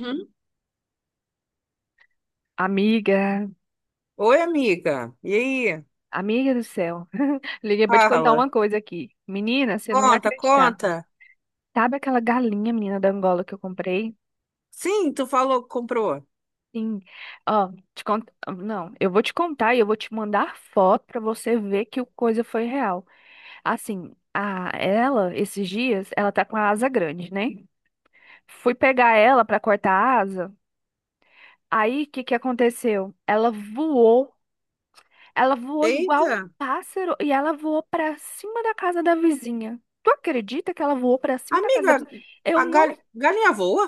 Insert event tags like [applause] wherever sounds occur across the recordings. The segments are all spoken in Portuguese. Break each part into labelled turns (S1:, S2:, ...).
S1: Hum?
S2: Amiga,
S1: Oi, amiga. E aí?
S2: amiga do céu, [laughs] liguei pra te contar
S1: Fala.
S2: uma coisa aqui. Menina, você não vai
S1: Conta,
S2: acreditar.
S1: conta.
S2: Sabe aquela galinha, menina da Angola que eu comprei?
S1: Sim, tu falou que comprou.
S2: Sim. Ó, te conto... Não, eu vou te contar e eu vou te mandar foto pra você ver que o coisa foi real. Assim, a ela, esses dias, ela tá com a asa grande, né? Fui pegar ela pra cortar a asa. Aí, o que que aconteceu? Ela voou. Ela voou igual um
S1: Eita.
S2: pássaro e ela voou pra cima da casa da vizinha. Tu acredita que ela voou pra cima da casa da
S1: Amiga,
S2: vizinha? Eu
S1: a
S2: não.
S1: galinha voa?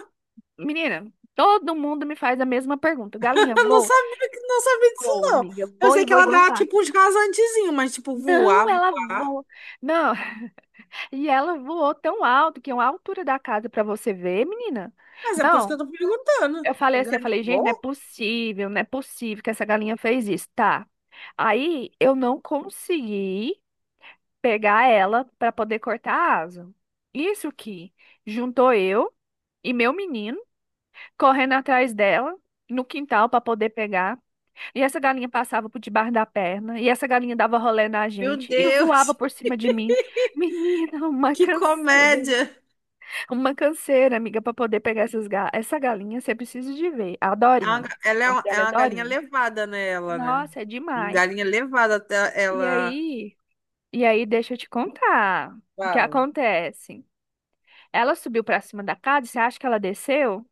S2: Menina, todo mundo me faz a mesma pergunta. Galinha,
S1: [laughs] Eu não
S2: voa?
S1: sabia, não sabia disso,
S2: Voa,
S1: não.
S2: amiga.
S1: Eu
S2: Voa e
S1: sei que
S2: voa
S1: ela
S2: igual um
S1: dá,
S2: pássaro.
S1: tipo, uns rasantezinhos, mas, tipo,
S2: Não,
S1: voar,
S2: ela
S1: voar.
S2: voa. Não, [laughs] e ela voou tão alto que é uma altura da casa pra você ver, menina.
S1: Mas é por isso que
S2: Não,
S1: eu tô perguntando.
S2: eu falei assim, eu
S1: Galinha
S2: falei, gente, não é
S1: voa?
S2: possível, não é possível que essa galinha fez isso. Tá. Aí eu não consegui pegar ela para poder cortar a asa. Isso que juntou eu e meu menino correndo atrás dela no quintal para poder pegar. E essa galinha passava por debaixo da perna, e essa galinha dava rolê na
S1: Meu
S2: gente e voava
S1: Deus,
S2: por cima de mim. Menina,
S1: [laughs] que comédia.
S2: uma canseira, amiga, para poder pegar essa galinha, você precisa de ver, a
S1: É uma
S2: Dorinha. O
S1: ga- Ela é
S2: nome
S1: uma, é
S2: dela é
S1: uma galinha
S2: Dorinha.
S1: levada, né, ela, né?
S2: Nossa, é demais.
S1: Galinha levada, até
S2: E
S1: ela...
S2: aí, e aí, deixa eu te contar o que
S1: ela
S2: acontece. Ela subiu pra cima da casa, você acha que ela desceu?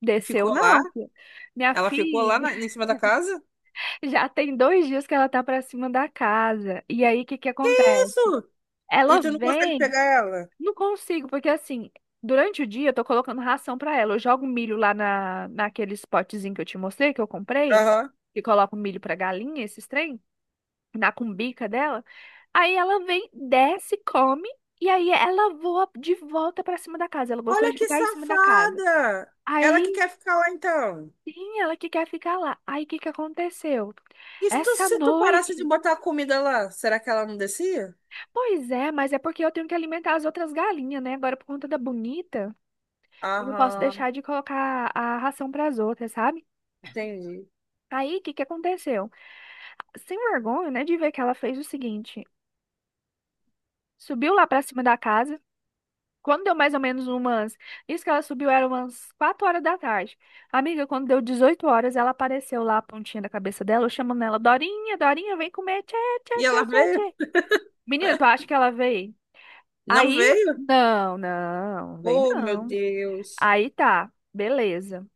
S2: Desceu
S1: ficou lá?
S2: não, filha. Minha
S1: Ela ficou lá
S2: filha,
S1: na, em cima da casa?
S2: [laughs] já tem 2 dias que ela tá pra cima da casa. E aí, o que que acontece?
S1: Isso! E
S2: Ela
S1: tu não consegue
S2: vem,
S1: pegar ela?
S2: não consigo, porque assim, durante o dia eu tô colocando ração pra ela. Eu jogo milho lá na, naqueles potezinho que eu te mostrei, que eu comprei,
S1: Aham.
S2: que coloco milho pra galinha, esses trem, na cumbica dela. Aí ela vem, desce, come, e aí ela voa de volta pra cima da casa. Ela gostou
S1: Olha
S2: de
S1: que
S2: ficar em cima da casa.
S1: safada! Ela
S2: Aí
S1: que quer ficar lá então.
S2: sim, ela que quer ficar lá. Aí o que que aconteceu?
S1: E se tu,
S2: Essa
S1: se tu parasse de
S2: noite.
S1: botar a comida lá, será que ela não descia?
S2: Pois é, mas é porque eu tenho que alimentar as outras galinhas, né? Agora, por conta da bonita, eu não posso
S1: Aham,
S2: deixar de colocar a ração para as outras, sabe?
S1: entendi.
S2: Aí o que que aconteceu? Sem vergonha, né, de ver que ela fez o seguinte: subiu lá para cima da casa. Quando deu mais ou menos umas. Isso que ela subiu era umas 4 horas da tarde. Amiga, quando deu 18 horas, ela apareceu lá a pontinha da cabeça dela, eu chamando ela: Dorinha, Dorinha, vem comer. Tchê, tchê,
S1: E ela
S2: tchê, tchê,
S1: veio?
S2: tchê. Menina, tu acha que ela veio?
S1: Não
S2: Aí,
S1: veio?
S2: não, não, vem
S1: Oh, meu
S2: não.
S1: Deus.
S2: Aí tá, beleza.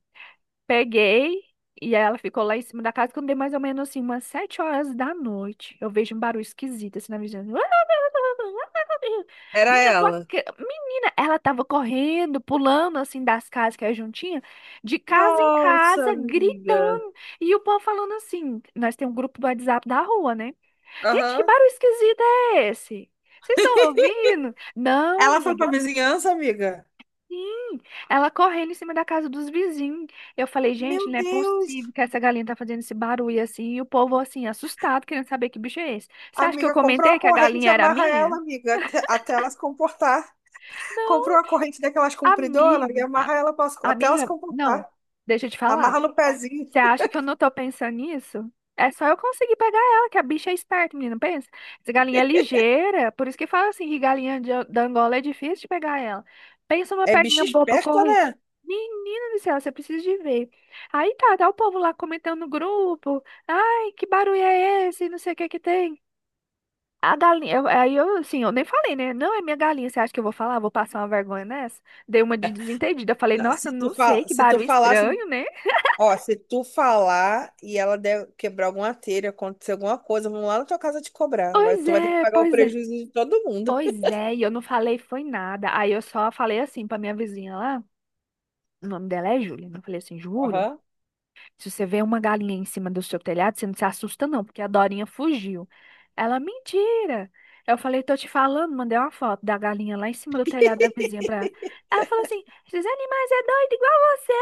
S2: Peguei e ela ficou lá em cima da casa quando deu mais ou menos assim, umas 7 horas da noite. Eu vejo um barulho esquisito assim na vizinhança. [laughs]
S1: Era
S2: Menina,
S1: ela.
S2: menina, ela tava correndo, pulando assim das casas que é juntinha, de casa em
S1: Nossa,
S2: casa,
S1: amiga.
S2: gritando. E o povo falando assim: nós temos um grupo do WhatsApp da rua, né? Gente, que
S1: Aham.
S2: barulho esquisito é esse? Vocês estão ouvindo? Não,
S1: Ela foi
S2: amiga.
S1: pra vizinhança, amiga?
S2: Sim, ela correndo em cima da casa dos vizinhos. Eu falei, gente,
S1: Meu
S2: não é
S1: Deus.
S2: possível que essa galinha tá fazendo esse barulho assim. E o povo, assim, assustado, querendo saber que bicho é esse. Você acha que eu
S1: Amiga, compra uma
S2: comentei que a
S1: corrente e
S2: galinha era
S1: amarra ela,
S2: minha?
S1: amiga, até ela se comportar. Comprou
S2: Não,
S1: uma corrente daquelas compridoras e
S2: amiga.
S1: amarra ela até elas
S2: Amiga, não.
S1: comportar.
S2: Deixa eu te falar.
S1: Amarra no pezinho.
S2: Você acha que eu não tô pensando nisso? É só eu conseguir pegar ela, que a bicha é esperta, menina, pensa. Essa galinha é ligeira, por isso que fala assim, que galinha da Angola é difícil de pegar ela. Pensa numa
S1: É bicho
S2: perninha boa pra
S1: esperto,
S2: correr.
S1: né?
S2: Menina do céu, você precisa de ver. Aí tá, tá o povo lá comentando no grupo. Ai, que barulho é esse? Não sei o que que tem. A galinha, aí eu, assim, eu nem falei, né? Não é minha galinha, você acha que eu vou falar? Vou passar uma vergonha nessa? Dei uma de desentendida. Eu falei,
S1: Não,
S2: nossa,
S1: se tu,
S2: não sei, que
S1: se tu
S2: barulho
S1: falasse.
S2: estranho, né?
S1: Ó, se tu falar e ela quebrar alguma telha, acontecer alguma coisa, vão lá na tua casa te cobrar.
S2: Pois
S1: Tu vai ter que
S2: é,
S1: pagar o
S2: pois é.
S1: prejuízo de todo mundo.
S2: Pois é, e eu não falei foi nada. Aí eu só falei assim pra minha vizinha lá, o nome dela é Júlia, né? Eu falei assim, Júlia,
S1: Aham.
S2: se você vê uma galinha em cima do seu telhado, você não se assusta não, porque a Dorinha fugiu. Ela, mentira. Eu falei, tô te falando, mandei uma foto da galinha lá em cima do telhado da vizinha pra ela. Ela falou assim, esses animais é doido igual você.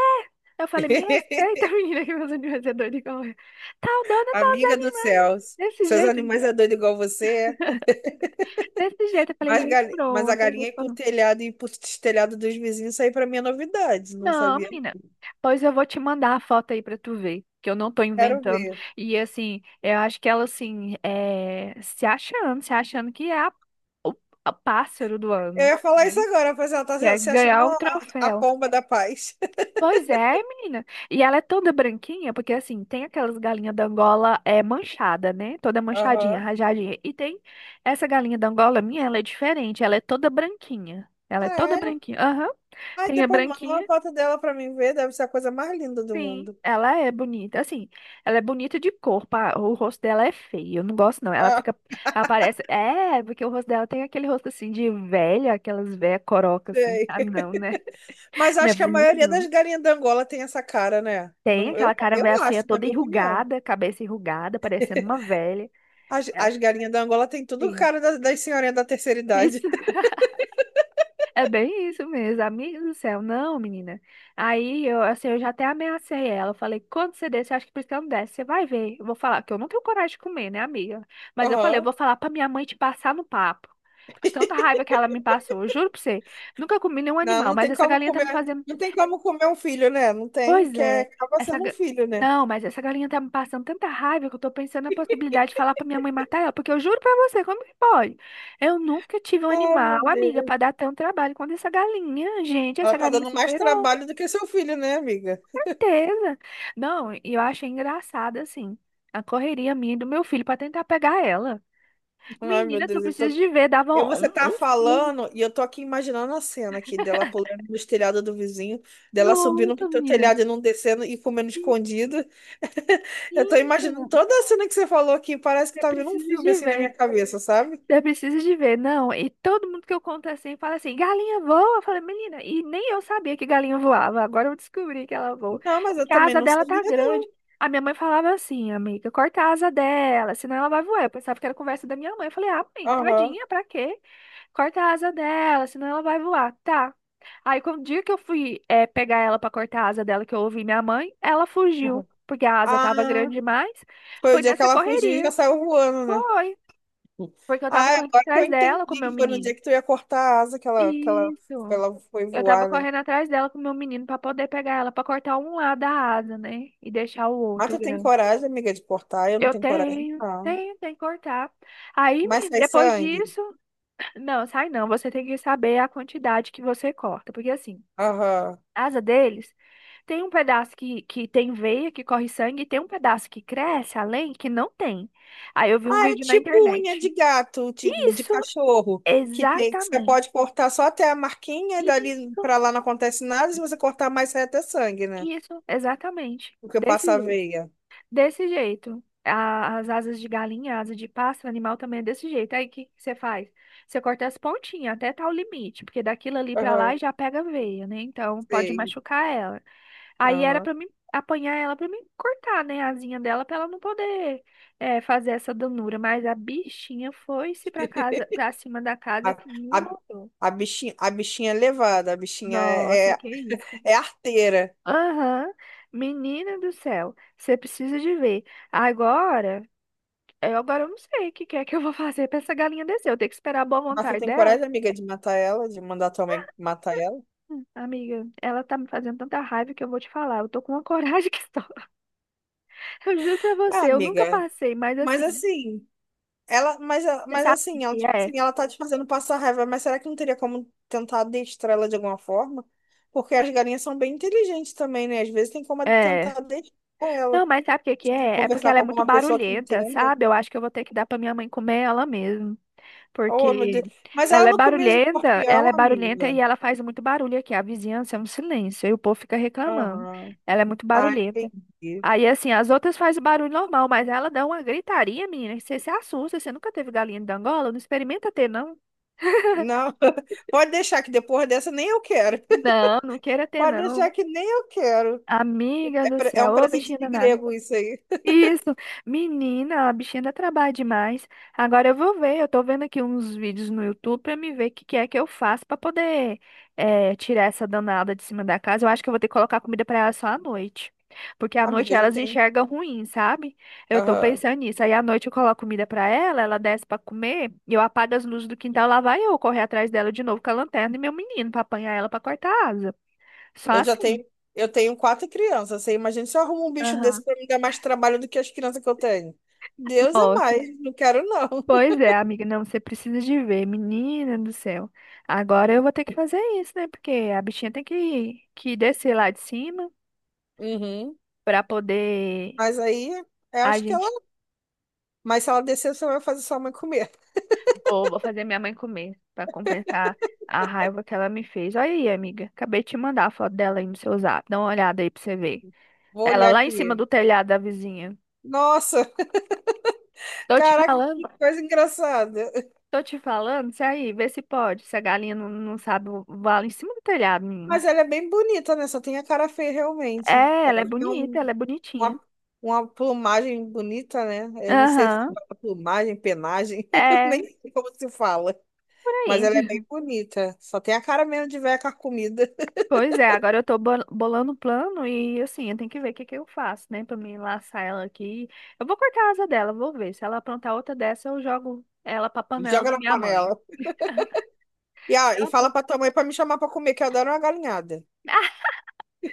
S2: Eu falei, me
S1: [laughs]
S2: respeita, [laughs] menina, que meus animais é doido igual eu. Tal dona, tal os
S1: Amiga do
S2: animais.
S1: céu.
S2: Desse
S1: Seus
S2: jeito,
S1: animais é doido igual você. É?
S2: [laughs] desse jeito. Eu falei,
S1: Mas,
S2: gente,
S1: mas a galinha ir pro
S2: pronto.
S1: telhado e ir pro telhado dos vizinhos, isso aí pra mim é novidade. Não
S2: Não,
S1: sabia.
S2: menina. Pois eu vou te mandar a foto aí pra tu ver, que eu não tô
S1: Quero
S2: inventando.
S1: ver.
S2: E assim, eu acho que ela assim, é, se achando, se achando que é o a pássaro do
S1: Eu
S2: ano,
S1: ia falar isso
S2: né?
S1: agora, pois ela
S2: Que
S1: tá
S2: é
S1: se achando
S2: ganhar o
S1: a
S2: troféu.
S1: pomba da paz. [laughs]
S2: Pois é, menina. E ela é toda branquinha, porque assim, tem aquelas galinhas da Angola é manchada, né? Toda manchadinha,
S1: Aham.
S2: rajadinha. E tem essa galinha da Angola minha, ela é diferente, ela é toda branquinha. Ela
S1: Ah,
S2: é toda
S1: é?
S2: branquinha. Aham.
S1: Aí
S2: Tem a
S1: depois manda uma
S2: branquinha.
S1: foto dela pra mim ver, deve ser a coisa mais linda do
S2: Sim,
S1: mundo. [laughs]
S2: ela é bonita. Assim, ela é bonita de corpo. O rosto dela é feio. Eu não gosto, não. Ela
S1: Ah,
S2: fica. Ela parece. É, porque o rosto dela tem aquele rosto assim de velha, aquelas velhas coroca assim.
S1: sei.
S2: Ah, não, né?
S1: Mas
S2: [laughs] Não é
S1: acho que a
S2: bonito,
S1: maioria das
S2: não.
S1: galinhas da Angola tem essa cara, né?
S2: Tem
S1: Não, eu,
S2: aquela cara
S1: eu
S2: velha feia
S1: acho, na
S2: toda
S1: minha opinião.
S2: enrugada, cabeça enrugada, parecendo uma velha.
S1: As,
S2: Ela,
S1: as galinhas da Angola tem tudo
S2: sim.
S1: cara das senhorinhas da terceira idade.
S2: [laughs]
S1: [laughs]
S2: É bem isso mesmo, amiga do céu. Não, menina. Aí eu, assim, eu já até ameacei ela. Eu falei, quando você desce, eu acho que por isso que ela não desce, você vai ver. Eu vou falar, que eu não tenho coragem de comer, né, amiga? Mas eu falei, eu
S1: Aham.
S2: vou falar pra minha mãe te passar no papo. De tanta raiva que ela me passou. Eu juro pra você. Nunca comi nenhum
S1: Não,
S2: animal,
S1: não
S2: mas
S1: tem
S2: essa
S1: como
S2: galinha tá me
S1: comer,
S2: fazendo...
S1: não tem como comer um filho, né? Não tem,
S2: Pois é,
S1: acaba
S2: essa.
S1: sendo um
S2: ga-
S1: filho, né?
S2: não, mas essa galinha tá me passando tanta raiva que eu tô pensando na possibilidade de falar pra minha mãe matar ela, porque eu juro pra você, como que pode? Eu nunca tive um
S1: Ai,
S2: animal,
S1: meu
S2: amiga, pra
S1: Deus.
S2: dar tanto trabalho quanto essa galinha. Gente,
S1: Ela
S2: essa
S1: tá
S2: galinha
S1: dando mais
S2: superou,
S1: trabalho do que seu filho, né, amiga?
S2: com certeza. Não, e eu achei engraçado, assim, a correria minha e do meu filho pra tentar pegar ela.
S1: Ai, meu
S2: Menina, tu
S1: Deus, eu
S2: precisa
S1: tô...
S2: de ver, dava um,
S1: você tá
S2: um filme.
S1: falando e eu tô aqui imaginando a cena aqui dela pulando no telhado do vizinho, dela subindo pro
S2: Nossa,
S1: teu
S2: menina.
S1: telhado e não descendo e comendo escondido. [laughs] Eu tô imaginando
S2: Menina,
S1: toda a cena que você falou aqui, parece que
S2: você
S1: tá vendo um
S2: precisa
S1: filme
S2: de
S1: assim na minha
S2: ver.
S1: cabeça, sabe?
S2: Eu precisa de ver, não. E todo mundo que eu conto assim fala assim: galinha voa. Eu falei, menina, e nem eu sabia que galinha voava. Agora eu descobri que ela voa.
S1: Não, mas eu
S2: Porque a
S1: também
S2: asa
S1: não
S2: dela
S1: sabia,
S2: tá
S1: não.
S2: grande. A minha mãe falava assim, amiga, corta a asa dela, senão ela vai voar. Eu pensava que era conversa da minha mãe. Eu falei, ah, mãe,
S1: Aham.
S2: tadinha, pra quê? Corta a asa dela, senão ela vai voar. Tá. Aí, quando o dia que eu fui pegar ela pra cortar a asa dela, que eu ouvi minha mãe, ela fugiu,
S1: Aham.
S2: porque a asa tava
S1: Ah,
S2: grande demais.
S1: foi o
S2: Foi
S1: dia que
S2: nessa
S1: ela fugiu e já
S2: correria.
S1: saiu voando, né?
S2: Foi. Porque eu tava
S1: Ah,
S2: correndo
S1: agora que eu
S2: atrás dela com o meu
S1: entendi, foi no dia
S2: menino.
S1: que tu ia cortar a asa que ela, que ela, que
S2: Isso.
S1: ela foi
S2: Eu tava
S1: voar, né?
S2: correndo atrás dela com o meu menino pra poder pegar ela, pra cortar um lado da asa, né? E deixar o
S1: Mas
S2: outro
S1: tu tem
S2: grande.
S1: coragem, amiga, de cortar? Eu não
S2: Eu
S1: tenho coragem,
S2: tenho,
S1: não.
S2: tenho, tem que cortar. Aí,
S1: Mas
S2: menino,
S1: sai
S2: depois
S1: sangue?
S2: disso, não, sai não. Você tem que saber a quantidade que você corta. Porque assim,
S1: Aham.
S2: a asa deles tem um pedaço que tem veia, que corre sangue, e tem um pedaço que cresce além, que não tem. Aí eu vi um
S1: Ah, é
S2: vídeo na
S1: tipo unha de
S2: internet.
S1: gato, de
S2: Isso,
S1: cachorro, que você
S2: exatamente.
S1: pode cortar só até a marquinha, e dali
S2: Isso.
S1: pra lá não acontece nada, se você cortar mais sai até sangue, né?
S2: Isso, exatamente.
S1: Porque
S2: Desse
S1: passa a
S2: jeito.
S1: veia.
S2: Desse jeito. As asas de galinha, asa de pássaro, animal também é desse jeito. Aí o que que você faz? Você corta as pontinhas até tal limite, porque daquilo ali pra lá
S1: Aham,
S2: já pega veia, né? Então pode
S1: sei.
S2: machucar ela. Aí era
S1: Aham.
S2: pra mim apanhar ela pra mim cortar, né, a asinha dela pra ela não poder, é, fazer essa danura. Mas a bichinha foi-se pra casa, pra cima da
S1: [laughs] A,
S2: casa que não
S1: a,
S2: voltou.
S1: a bichinha é levada, a bichinha é,
S2: Nossa,
S1: é,
S2: que...
S1: [laughs] é arteira.
S2: Aham. Menina do céu, você precisa de ver. Agora, agora eu não sei o que que é que eu vou [laughs] fazer pra essa galinha descer. Eu tenho que esperar a boa
S1: Mas tu
S2: vontade
S1: tem
S2: dela.
S1: coragem, amiga, de matar ela, de mandar tua mãe matar ela?
S2: Amiga, ela tá me fazendo tanta raiva que eu vou te falar. Eu tô com uma [laughs] coragem que só. [laughs] Eu juro pra você,
S1: Ah,
S2: eu nunca
S1: amiga.
S2: passei, mas
S1: Mas
S2: assim,
S1: assim, ela, mas, eh,
S2: você
S1: mas
S2: sabe o que
S1: assim, ela,
S2: que
S1: tipo
S2: é?
S1: assim, ela tá te fazendo passar raiva, mas será que não teria como tentar adestrar ela de alguma forma? Porque as galinhas são bem inteligentes também, né? Às vezes tem como
S2: É.
S1: tentar adestrar ela.
S2: Não, mas sabe o que que
S1: Tipo,
S2: é? É porque
S1: conversar
S2: ela é
S1: com
S2: muito
S1: alguma pessoa que
S2: barulhenta,
S1: entenda.
S2: sabe? Eu acho que eu vou ter que dar pra minha mãe comer ela mesmo.
S1: Oh, meu
S2: Porque
S1: Deus. Mas ela não comia os
S2: ela é
S1: escorpião,
S2: barulhenta e
S1: amiga.
S2: ela faz muito barulho aqui. A vizinhança é um silêncio e o povo fica reclamando.
S1: Aham.
S2: Ela é muito
S1: Ah,
S2: barulhenta.
S1: entendi.
S2: Aí, assim, as outras fazem barulho normal, mas ela dá uma gritaria, menina, que você se assusta. Você nunca teve galinha de Angola? Não experimenta ter, não?
S1: Não, [laughs] pode deixar que depois dessa nem eu quero. [laughs]
S2: Não, não queira ter,
S1: Pode
S2: não.
S1: deixar que nem eu quero.
S2: Amiga
S1: É,
S2: do
S1: é um
S2: céu, ô
S1: presente
S2: bichinha
S1: de
S2: danada.
S1: grego isso aí.
S2: Isso, menina, a bichinha dá trabalho demais. Agora eu vou ver, eu tô vendo aqui uns vídeos no YouTube pra me ver o que que é que eu faço pra poder tirar essa danada de cima da casa. Eu acho que eu vou ter que colocar comida pra ela só à noite, porque à noite
S1: Amiga, já
S2: elas
S1: tem.
S2: enxergam ruim, sabe? Eu tô
S1: Aham.
S2: pensando nisso. Aí à noite eu coloco comida pra ela, ela desce pra comer, e eu apago as luzes do quintal, lá vai eu correr atrás dela de novo com a lanterna e meu menino pra apanhar ela pra cortar a asa. Só
S1: Eu já
S2: assim.
S1: tenho, eu tenho quatro crianças. Você imagina se eu arrumo um bicho desse
S2: Aham.
S1: pra me dar mais trabalho do que as crianças que eu tenho. Deus é
S2: Gosto.
S1: mais, não quero não. [laughs]
S2: Pois é, amiga, não, você precisa de ver, menina do céu. Agora eu vou ter que fazer isso, né? Porque a bichinha tem que descer lá de cima
S1: Uhum.
S2: para poder
S1: Mas aí, eu
S2: a
S1: acho que ela.
S2: gente.
S1: Mas se ela descer, você vai fazer sua mãe comer.
S2: Vou, vou fazer minha mãe comer para compensar a raiva que ela me fez. Olha aí, amiga, acabei de te mandar a foto dela aí no seu zap. Dá uma olhada aí pra você ver.
S1: Vou
S2: Ela
S1: olhar
S2: lá em cima
S1: aqui.
S2: do telhado da vizinha.
S1: Nossa, [laughs]
S2: Tô te
S1: caraca,
S2: falando,
S1: que coisa engraçada.
S2: tô te falando, se aí, vê se pode. Se a galinha não, não sabe voar lá em cima do telhado, menino.
S1: Mas ela é bem bonita, né? Só tem a cara feia, realmente.
S2: É, ela é
S1: Ela tem
S2: bonita, ela é bonitinha.
S1: uma, uma plumagem bonita, né? Eu não sei se
S2: Aham.
S1: fala plumagem, penagem, [laughs]
S2: É,
S1: nem sei como se fala.
S2: por
S1: Mas
S2: aí.
S1: ela é bem
S2: [laughs]
S1: bonita. Só tem a cara mesmo de velha carcomida. [laughs]
S2: Pois é, agora eu tô bolando um plano e assim, eu tenho que ver o que que eu faço, né? Pra me laçar ela aqui. Eu vou cortar a asa dela, vou ver. Se ela aprontar outra dessa, eu jogo ela pra panela
S1: Joga
S2: da
S1: na
S2: minha mãe.
S1: panela. E, ah, e
S2: Não, pô.
S1: fala pra tua mãe pra me chamar pra comer, que eu adoro uma galinhada.
S2: [laughs]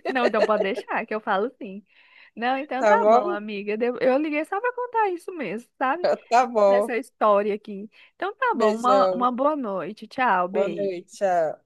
S2: Não, então pode deixar, que eu falo sim. Não, então
S1: Tá
S2: tá bom,
S1: bom?
S2: amiga. Eu liguei só pra contar isso mesmo, sabe?
S1: [laughs] Tá bom.
S2: Dessa história aqui. Então tá bom, uma,
S1: Beijão.
S2: uma boa noite. Tchau,
S1: Boa noite.
S2: beijo.
S1: Tchau.